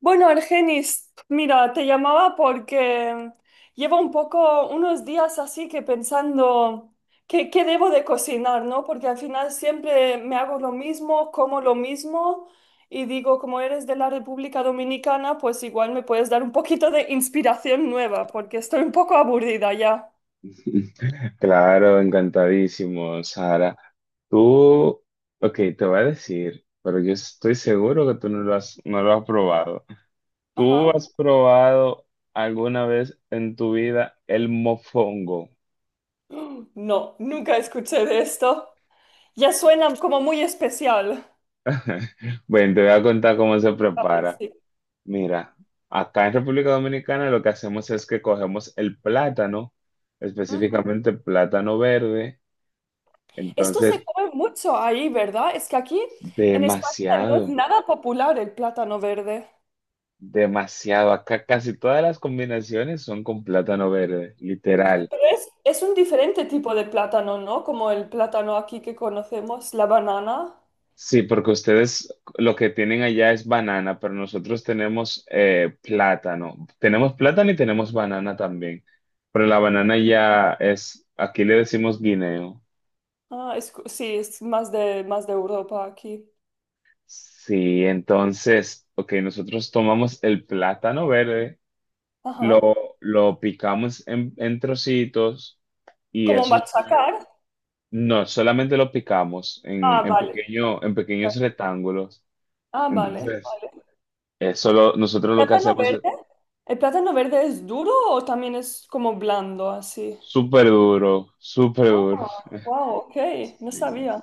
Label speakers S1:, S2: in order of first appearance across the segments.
S1: Bueno, Argenis, mira, te llamaba porque llevo un poco, unos días así que pensando qué debo de cocinar, ¿no? Porque al final siempre me hago lo mismo, como lo mismo y digo, como eres de la República Dominicana, pues igual me puedes dar un poquito de inspiración nueva, porque estoy un poco aburrida ya.
S2: Claro, encantadísimo, Sara. Tú, ok, te voy a decir, pero yo estoy seguro que tú no lo has probado.
S1: Ajá.
S2: ¿Tú has probado alguna vez en tu vida el mofongo?
S1: No, nunca escuché de esto. Ya suena como muy especial.
S2: Bueno, te voy a contar cómo se
S1: ¿Sabes?
S2: prepara. Mira, acá en República Dominicana lo que hacemos es que cogemos el plátano,
S1: Sí.
S2: específicamente plátano verde,
S1: Esto se
S2: entonces
S1: come mucho ahí, ¿verdad? Es que aquí en España no es
S2: demasiado.
S1: nada popular el plátano verde.
S2: Demasiado. Acá casi todas las combinaciones son con plátano verde, literal.
S1: Pero es un diferente tipo de plátano, ¿no? Como el plátano aquí que conocemos, la banana.
S2: Sí, porque ustedes lo que tienen allá es banana, pero nosotros tenemos plátano. Tenemos plátano y tenemos banana también. Pero la banana ya es, aquí le decimos guineo.
S1: Ah, es, sí, es más de Europa aquí.
S2: Sí, entonces, ok, nosotros tomamos el plátano verde, lo,
S1: Ajá.
S2: lo picamos en trocitos y
S1: Como
S2: eso.
S1: machacar.
S2: No, solamente lo picamos
S1: Ah,
S2: en
S1: vale.
S2: pequeño, en pequeños rectángulos.
S1: Ah, vale,
S2: Entonces,
S1: vale.
S2: nosotros lo que
S1: ¿Plátano
S2: hacemos
S1: verde?
S2: es
S1: ¿El plátano verde es duro o también es como blando así?
S2: súper duro, súper
S1: Ah,
S2: duro.
S1: wow, ok, no
S2: Sí,
S1: sabía.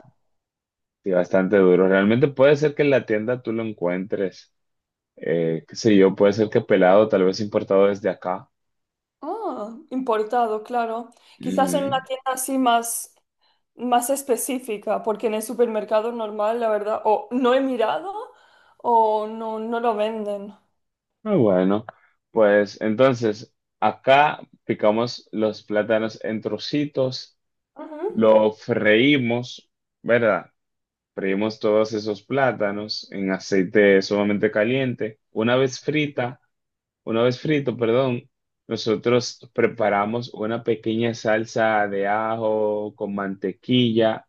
S2: sí, bastante duro. Realmente puede ser que en la tienda tú lo encuentres, qué sé yo, puede ser que pelado, tal vez importado desde acá.
S1: Ah, importado, claro. Quizás en
S2: Ujú.
S1: una tienda así más, más específica, porque en el supermercado normal, la verdad, o no he mirado o no, no lo venden.
S2: Muy bueno, pues entonces acá picamos los plátanos en trocitos,
S1: Ujú,
S2: lo freímos, ¿verdad? Freímos todos esos plátanos en aceite sumamente caliente. Una vez frito, perdón, nosotros preparamos una pequeña salsa de ajo con mantequilla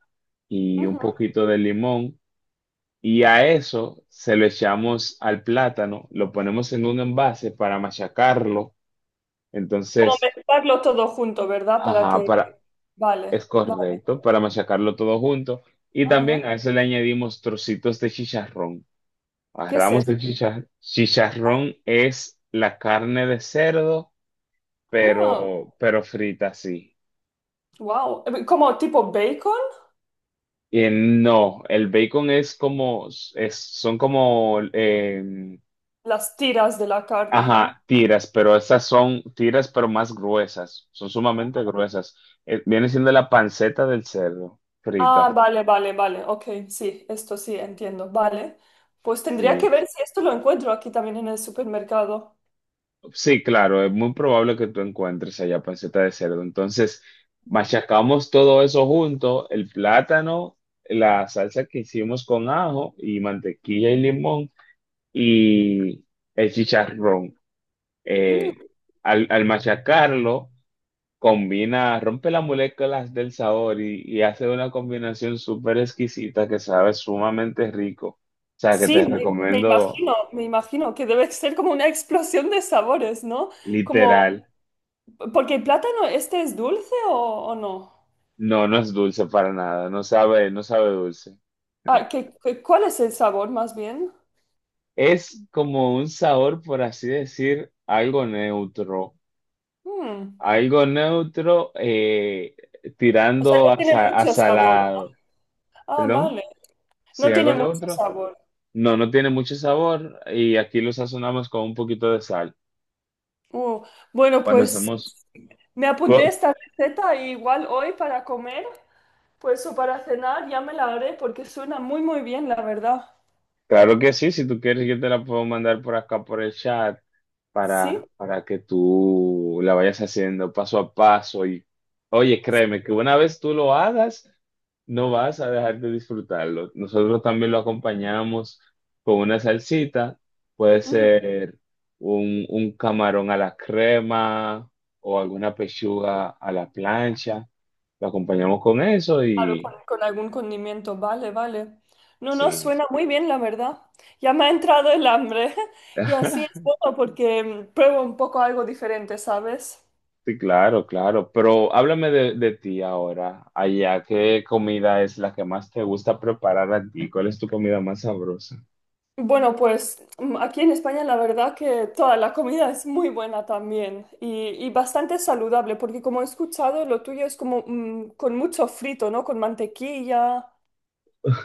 S2: y un
S1: ujú.
S2: poquito de limón. Y a eso se lo echamos al plátano, lo ponemos en un envase para machacarlo.
S1: Como
S2: Entonces,
S1: mezclarlo todo junto, ¿verdad? Para
S2: ajá,
S1: que... Vale,
S2: es
S1: vale.
S2: correcto, para machacarlo todo junto. Y también
S1: Ajá.
S2: a eso le añadimos trocitos de chicharrón.
S1: ¿Qué es
S2: Agarramos
S1: esto?
S2: el chicharrón, es la carne de cerdo,
S1: Ah,
S2: pero frita sí.
S1: wow. Como tipo bacon,
S2: Y no, el bacon es como, son como,
S1: las tiras de la carne, ¿no?
S2: ajá, tiras, pero más gruesas, son sumamente gruesas. Viene siendo la panceta del cerdo,
S1: Ah,
S2: frita,
S1: vale, vale, vale. Ok, sí, esto sí, entiendo. Vale. Pues tendría que
S2: sí.
S1: ver si esto lo encuentro aquí también en el supermercado.
S2: Sí, claro, es muy probable que tú encuentres allá panceta de cerdo. Entonces, machacamos todo eso junto, el plátano, la salsa que hicimos con ajo y mantequilla y limón y el chicharrón.
S1: Mm,
S2: Eh, al machacarlo, combina, rompe las moléculas del sabor y hace una combinación súper exquisita que sabe sumamente rico. O sea, que
S1: sí,
S2: te
S1: me
S2: recomiendo
S1: imagino, me imagino que debe ser como una explosión de sabores, ¿no? Como,
S2: literal.
S1: porque el plátano este es dulce o no.
S2: No, no es dulce para nada, no sabe, no sabe dulce.
S1: Ah, ¿ cuál es el sabor más bien?
S2: Es como un sabor, por así decir,
S1: Mm,
S2: algo neutro
S1: O sea,
S2: tirando
S1: no
S2: a,
S1: tiene
S2: a
S1: mucho sabor.
S2: salado.
S1: Ah,
S2: ¿Perdón?
S1: vale. No
S2: Sí,
S1: tiene
S2: algo
S1: mucho
S2: neutro.
S1: sabor.
S2: No, no tiene mucho sabor y aquí lo sazonamos con un poquito de sal.
S1: Uh, bueno,
S2: Cuando
S1: pues
S2: hacemos,
S1: me
S2: ¿tú?
S1: apunté esta receta igual hoy para comer. Pues eso para cenar ya me la haré porque suena muy muy bien, la verdad.
S2: Claro que sí, si tú quieres yo te la puedo mandar por acá por el chat
S1: ¿Sí?
S2: para que tú la vayas haciendo paso a paso y oye, créeme que una vez tú lo hagas, no vas a dejar de disfrutarlo. Nosotros también lo acompañamos con una salsita, puede
S1: Ujú,
S2: ser un camarón a la crema o alguna pechuga a la plancha, lo acompañamos con eso
S1: claro,
S2: y
S1: con algún condimento, vale, vale. No, no,
S2: sí.
S1: suena muy bien, la verdad. Ya me ha entrado el hambre y así es bueno porque pruebo un poco algo diferente, ¿sabes?
S2: Sí, claro, claro. Pero háblame de ti ahora. Allá, ¿qué comida es la que más te gusta preparar a ti? ¿Cuál es tu comida más sabrosa?
S1: Bueno, pues aquí en España la verdad que toda la comida es muy buena también y bastante saludable porque como he escuchado, lo tuyo es como con mucho frito, ¿no? Con mantequilla.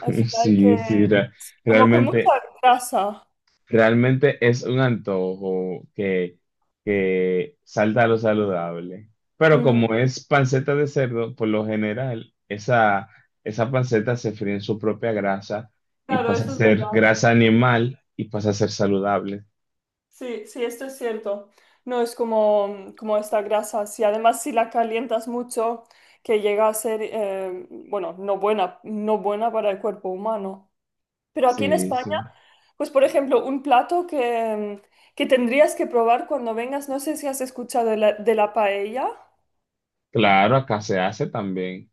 S1: Al final que,
S2: Sí, sí,
S1: como con mucha
S2: realmente,
S1: grasa.
S2: realmente es un antojo que salta a lo saludable. Pero
S1: Mm,
S2: como es panceta de cerdo, por lo general, esa panceta se fríe en su propia grasa y
S1: claro,
S2: pasa a
S1: eso es
S2: ser
S1: verdad.
S2: grasa animal y pasa a ser saludable.
S1: Sí, sí, esto es cierto. No es como, como esta grasa. Si además si la calientas mucho, que llega a ser, bueno, no buena, no buena para el cuerpo humano. Pero aquí en
S2: Sí,
S1: España,
S2: sí.
S1: pues por ejemplo, que tendrías que probar cuando vengas, no sé si has escuchado de la paella.
S2: Claro, acá se hace también.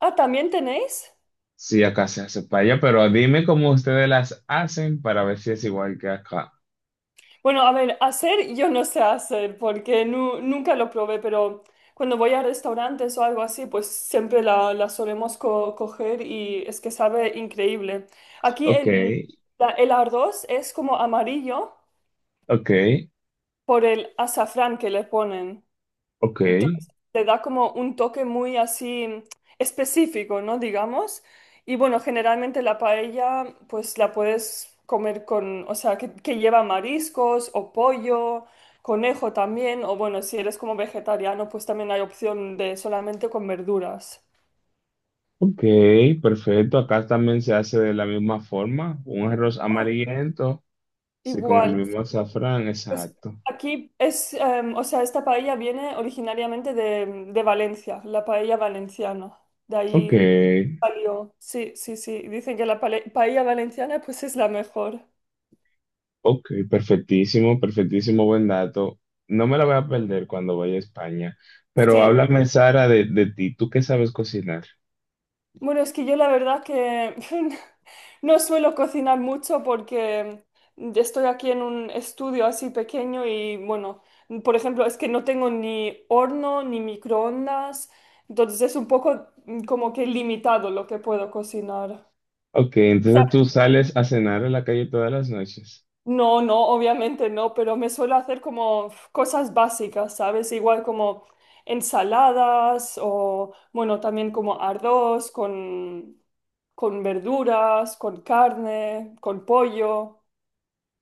S1: Ah, ¿también tenéis?
S2: Sí, acá se hace paella, pero dime cómo ustedes las hacen para ver si es igual que acá.
S1: Bueno, a ver, hacer yo no sé hacer porque nunca lo probé, pero cuando voy a restaurantes o algo así, pues siempre la, la solemos coger y es que sabe increíble. Aquí
S2: Ok,
S1: el, el arroz es como amarillo
S2: ok,
S1: por el azafrán que le ponen.
S2: ok,
S1: Entonces, te da como un toque muy así específico, ¿no? Digamos. Y bueno, generalmente la paella, pues la puedes comer con, o sea, que lleva mariscos o pollo, conejo también, o bueno, si eres como vegetariano, pues también hay opción de solamente con verduras.
S2: ok, perfecto. Acá también se hace de la misma forma. Un arroz
S1: Ah,
S2: amarillento, sí, con el
S1: igual,
S2: mismo azafrán,
S1: pues
S2: exacto.
S1: aquí es, o sea, esta paella viene originariamente de Valencia, la paella valenciana. De
S2: Ok,
S1: ahí. Palio. Sí, sí, sí. Dicen que la paella valenciana pues es la mejor.
S2: ok, perfectísimo, perfectísimo, buen dato. No me la voy a perder cuando vaya a España. Pero
S1: Sí.
S2: háblame, Sara, de ti. ¿Tú qué sabes cocinar?
S1: Bueno, es que yo la verdad que no suelo cocinar mucho porque estoy aquí en un estudio así pequeño y bueno, por ejemplo, es que no tengo ni horno ni microondas, entonces es un poco como que limitado lo que puedo cocinar.
S2: Ok, entonces tú sales a cenar a la calle todas las noches.
S1: No, no, obviamente no, pero me suelo hacer como cosas básicas, ¿sabes? Igual como ensaladas o, bueno, también como arroz con verduras, con carne, con pollo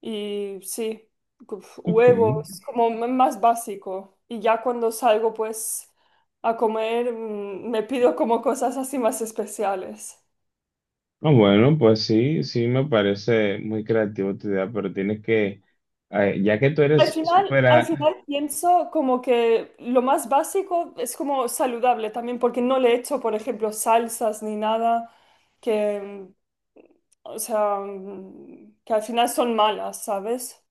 S1: y sí, uf,
S2: Ok.
S1: huevos, como más básico. Y ya cuando salgo pues a comer, me pido como cosas así más especiales.
S2: Ah, bueno, pues sí, sí me parece muy creativo tu idea, pero tienes que, ya que tú eres súper...
S1: Al
S2: a-
S1: final pienso como que lo más básico es como saludable también, porque no le echo, por ejemplo, salsas ni nada que, o sea, que al final son malas, ¿sabes?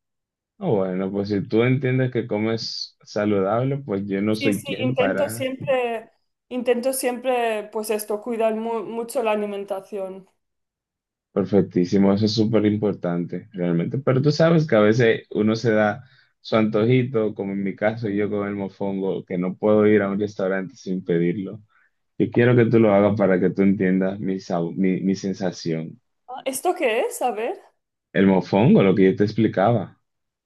S2: Ah, bueno, pues si tú entiendes que comes saludable, pues yo no
S1: Sí,
S2: soy
S1: sí,
S2: quien para...
S1: intento siempre, pues esto, cuidar mucho la alimentación.
S2: Perfectísimo, eso es súper importante, realmente. Pero tú sabes que a veces uno se da su antojito, como en mi caso yo con el mofongo, que no puedo ir a un restaurante sin pedirlo. Yo quiero que tú lo hagas para que tú entiendas mi sensación.
S1: Ah, ¿esto qué es? A ver.
S2: El mofongo, lo que yo te explicaba.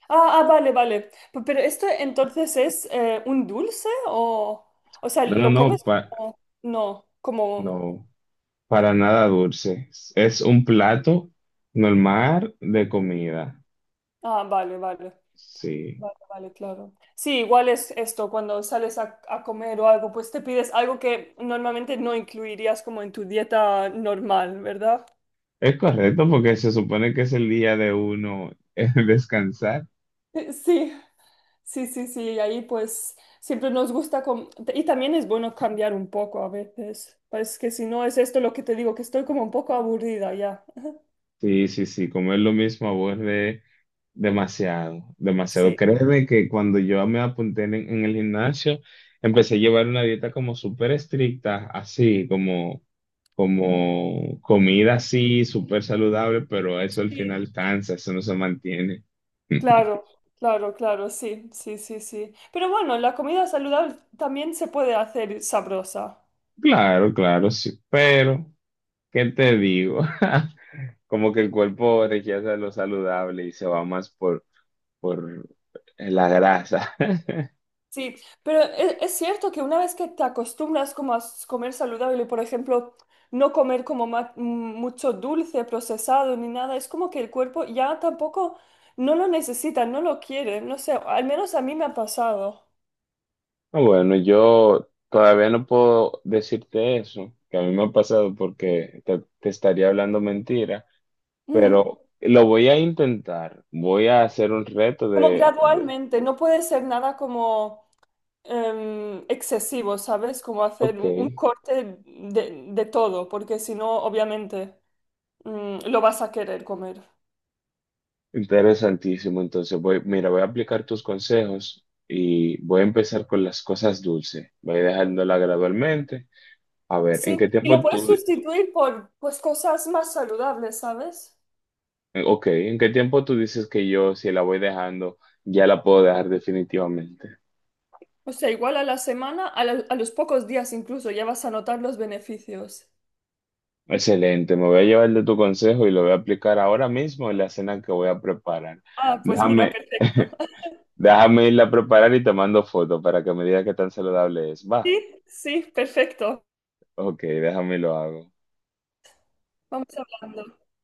S1: Ah, ah, vale, vale. Pero esto entonces es un dulce o sea,
S2: No, no,
S1: ¿lo
S2: no,
S1: comes
S2: pa-
S1: como, no, como...
S2: no, para nada dulce. Es un plato normal de comida.
S1: Ah, vale, vale,
S2: Sí,
S1: vale, vale, claro. Sí, igual es esto, cuando sales a comer o algo, pues te pides algo que normalmente no incluirías como en tu dieta normal, ¿verdad?
S2: es correcto porque se supone que es el día de uno descansar.
S1: Sí, sí, sí, sí, y ahí pues siempre nos gusta, y también es bueno cambiar un poco a veces, pues que si no es esto lo que te digo, que estoy como un poco aburrida ya.
S2: Sí, sí, sí, comer lo mismo aburre. Demasiado, demasiado.
S1: Sí,
S2: Créeme que cuando yo me apunté en el gimnasio, empecé a llevar una dieta como súper estricta, así como, como comida así, súper saludable, pero eso al
S1: sí,
S2: final cansa, eso no se mantiene.
S1: claro, claro, claro, sí, sí, sí, sí. Pero bueno, la comida saludable también se puede hacer sabrosa.
S2: Claro, claro, sí. Pero, ¿qué te digo? Como que el cuerpo rechaza lo saludable y se va más por la grasa.
S1: Sí, pero es, cierto que una vez que te acostumbras como a comer saludable, por ejemplo, no comer como mucho dulce procesado ni nada, es como que el cuerpo ya tampoco no lo necesita, no lo quiere, no sé, al menos a mí me ha pasado.
S2: Ah, bueno, yo todavía no puedo decirte eso, que a mí me ha pasado porque te estaría hablando mentira,
S1: Ujú.
S2: pero lo voy a intentar. Voy a hacer un reto
S1: Como
S2: de-
S1: gradualmente, no puede ser nada como excesivo, ¿sabes? Como hacer
S2: Ok,
S1: un corte de todo, porque si no, obviamente, lo vas a querer comer.
S2: interesantísimo. Entonces, voy, mira, voy a aplicar tus consejos y voy a empezar con las cosas dulces. Voy dejándola gradualmente. A ver, ¿en
S1: Sí,
S2: qué
S1: y lo
S2: tiempo
S1: puedes
S2: tú...
S1: sustituir por pues cosas más saludables, ¿sabes?
S2: Ok, ¿en qué tiempo tú dices que yo, si la voy dejando, ya la puedo dejar definitivamente?
S1: O sea, igual a la semana, a los pocos días incluso, ya vas a notar los beneficios.
S2: Excelente, me voy a llevar de tu consejo y lo voy a aplicar ahora mismo en la cena que voy a preparar.
S1: Ah, pues mira,
S2: Déjame,
S1: perfecto.
S2: déjame irla a preparar y te mando foto para que me digas qué tan saludable es. Va,
S1: Sí, sí, perfecto.
S2: ok, déjame y lo hago.
S1: Vamos hablando.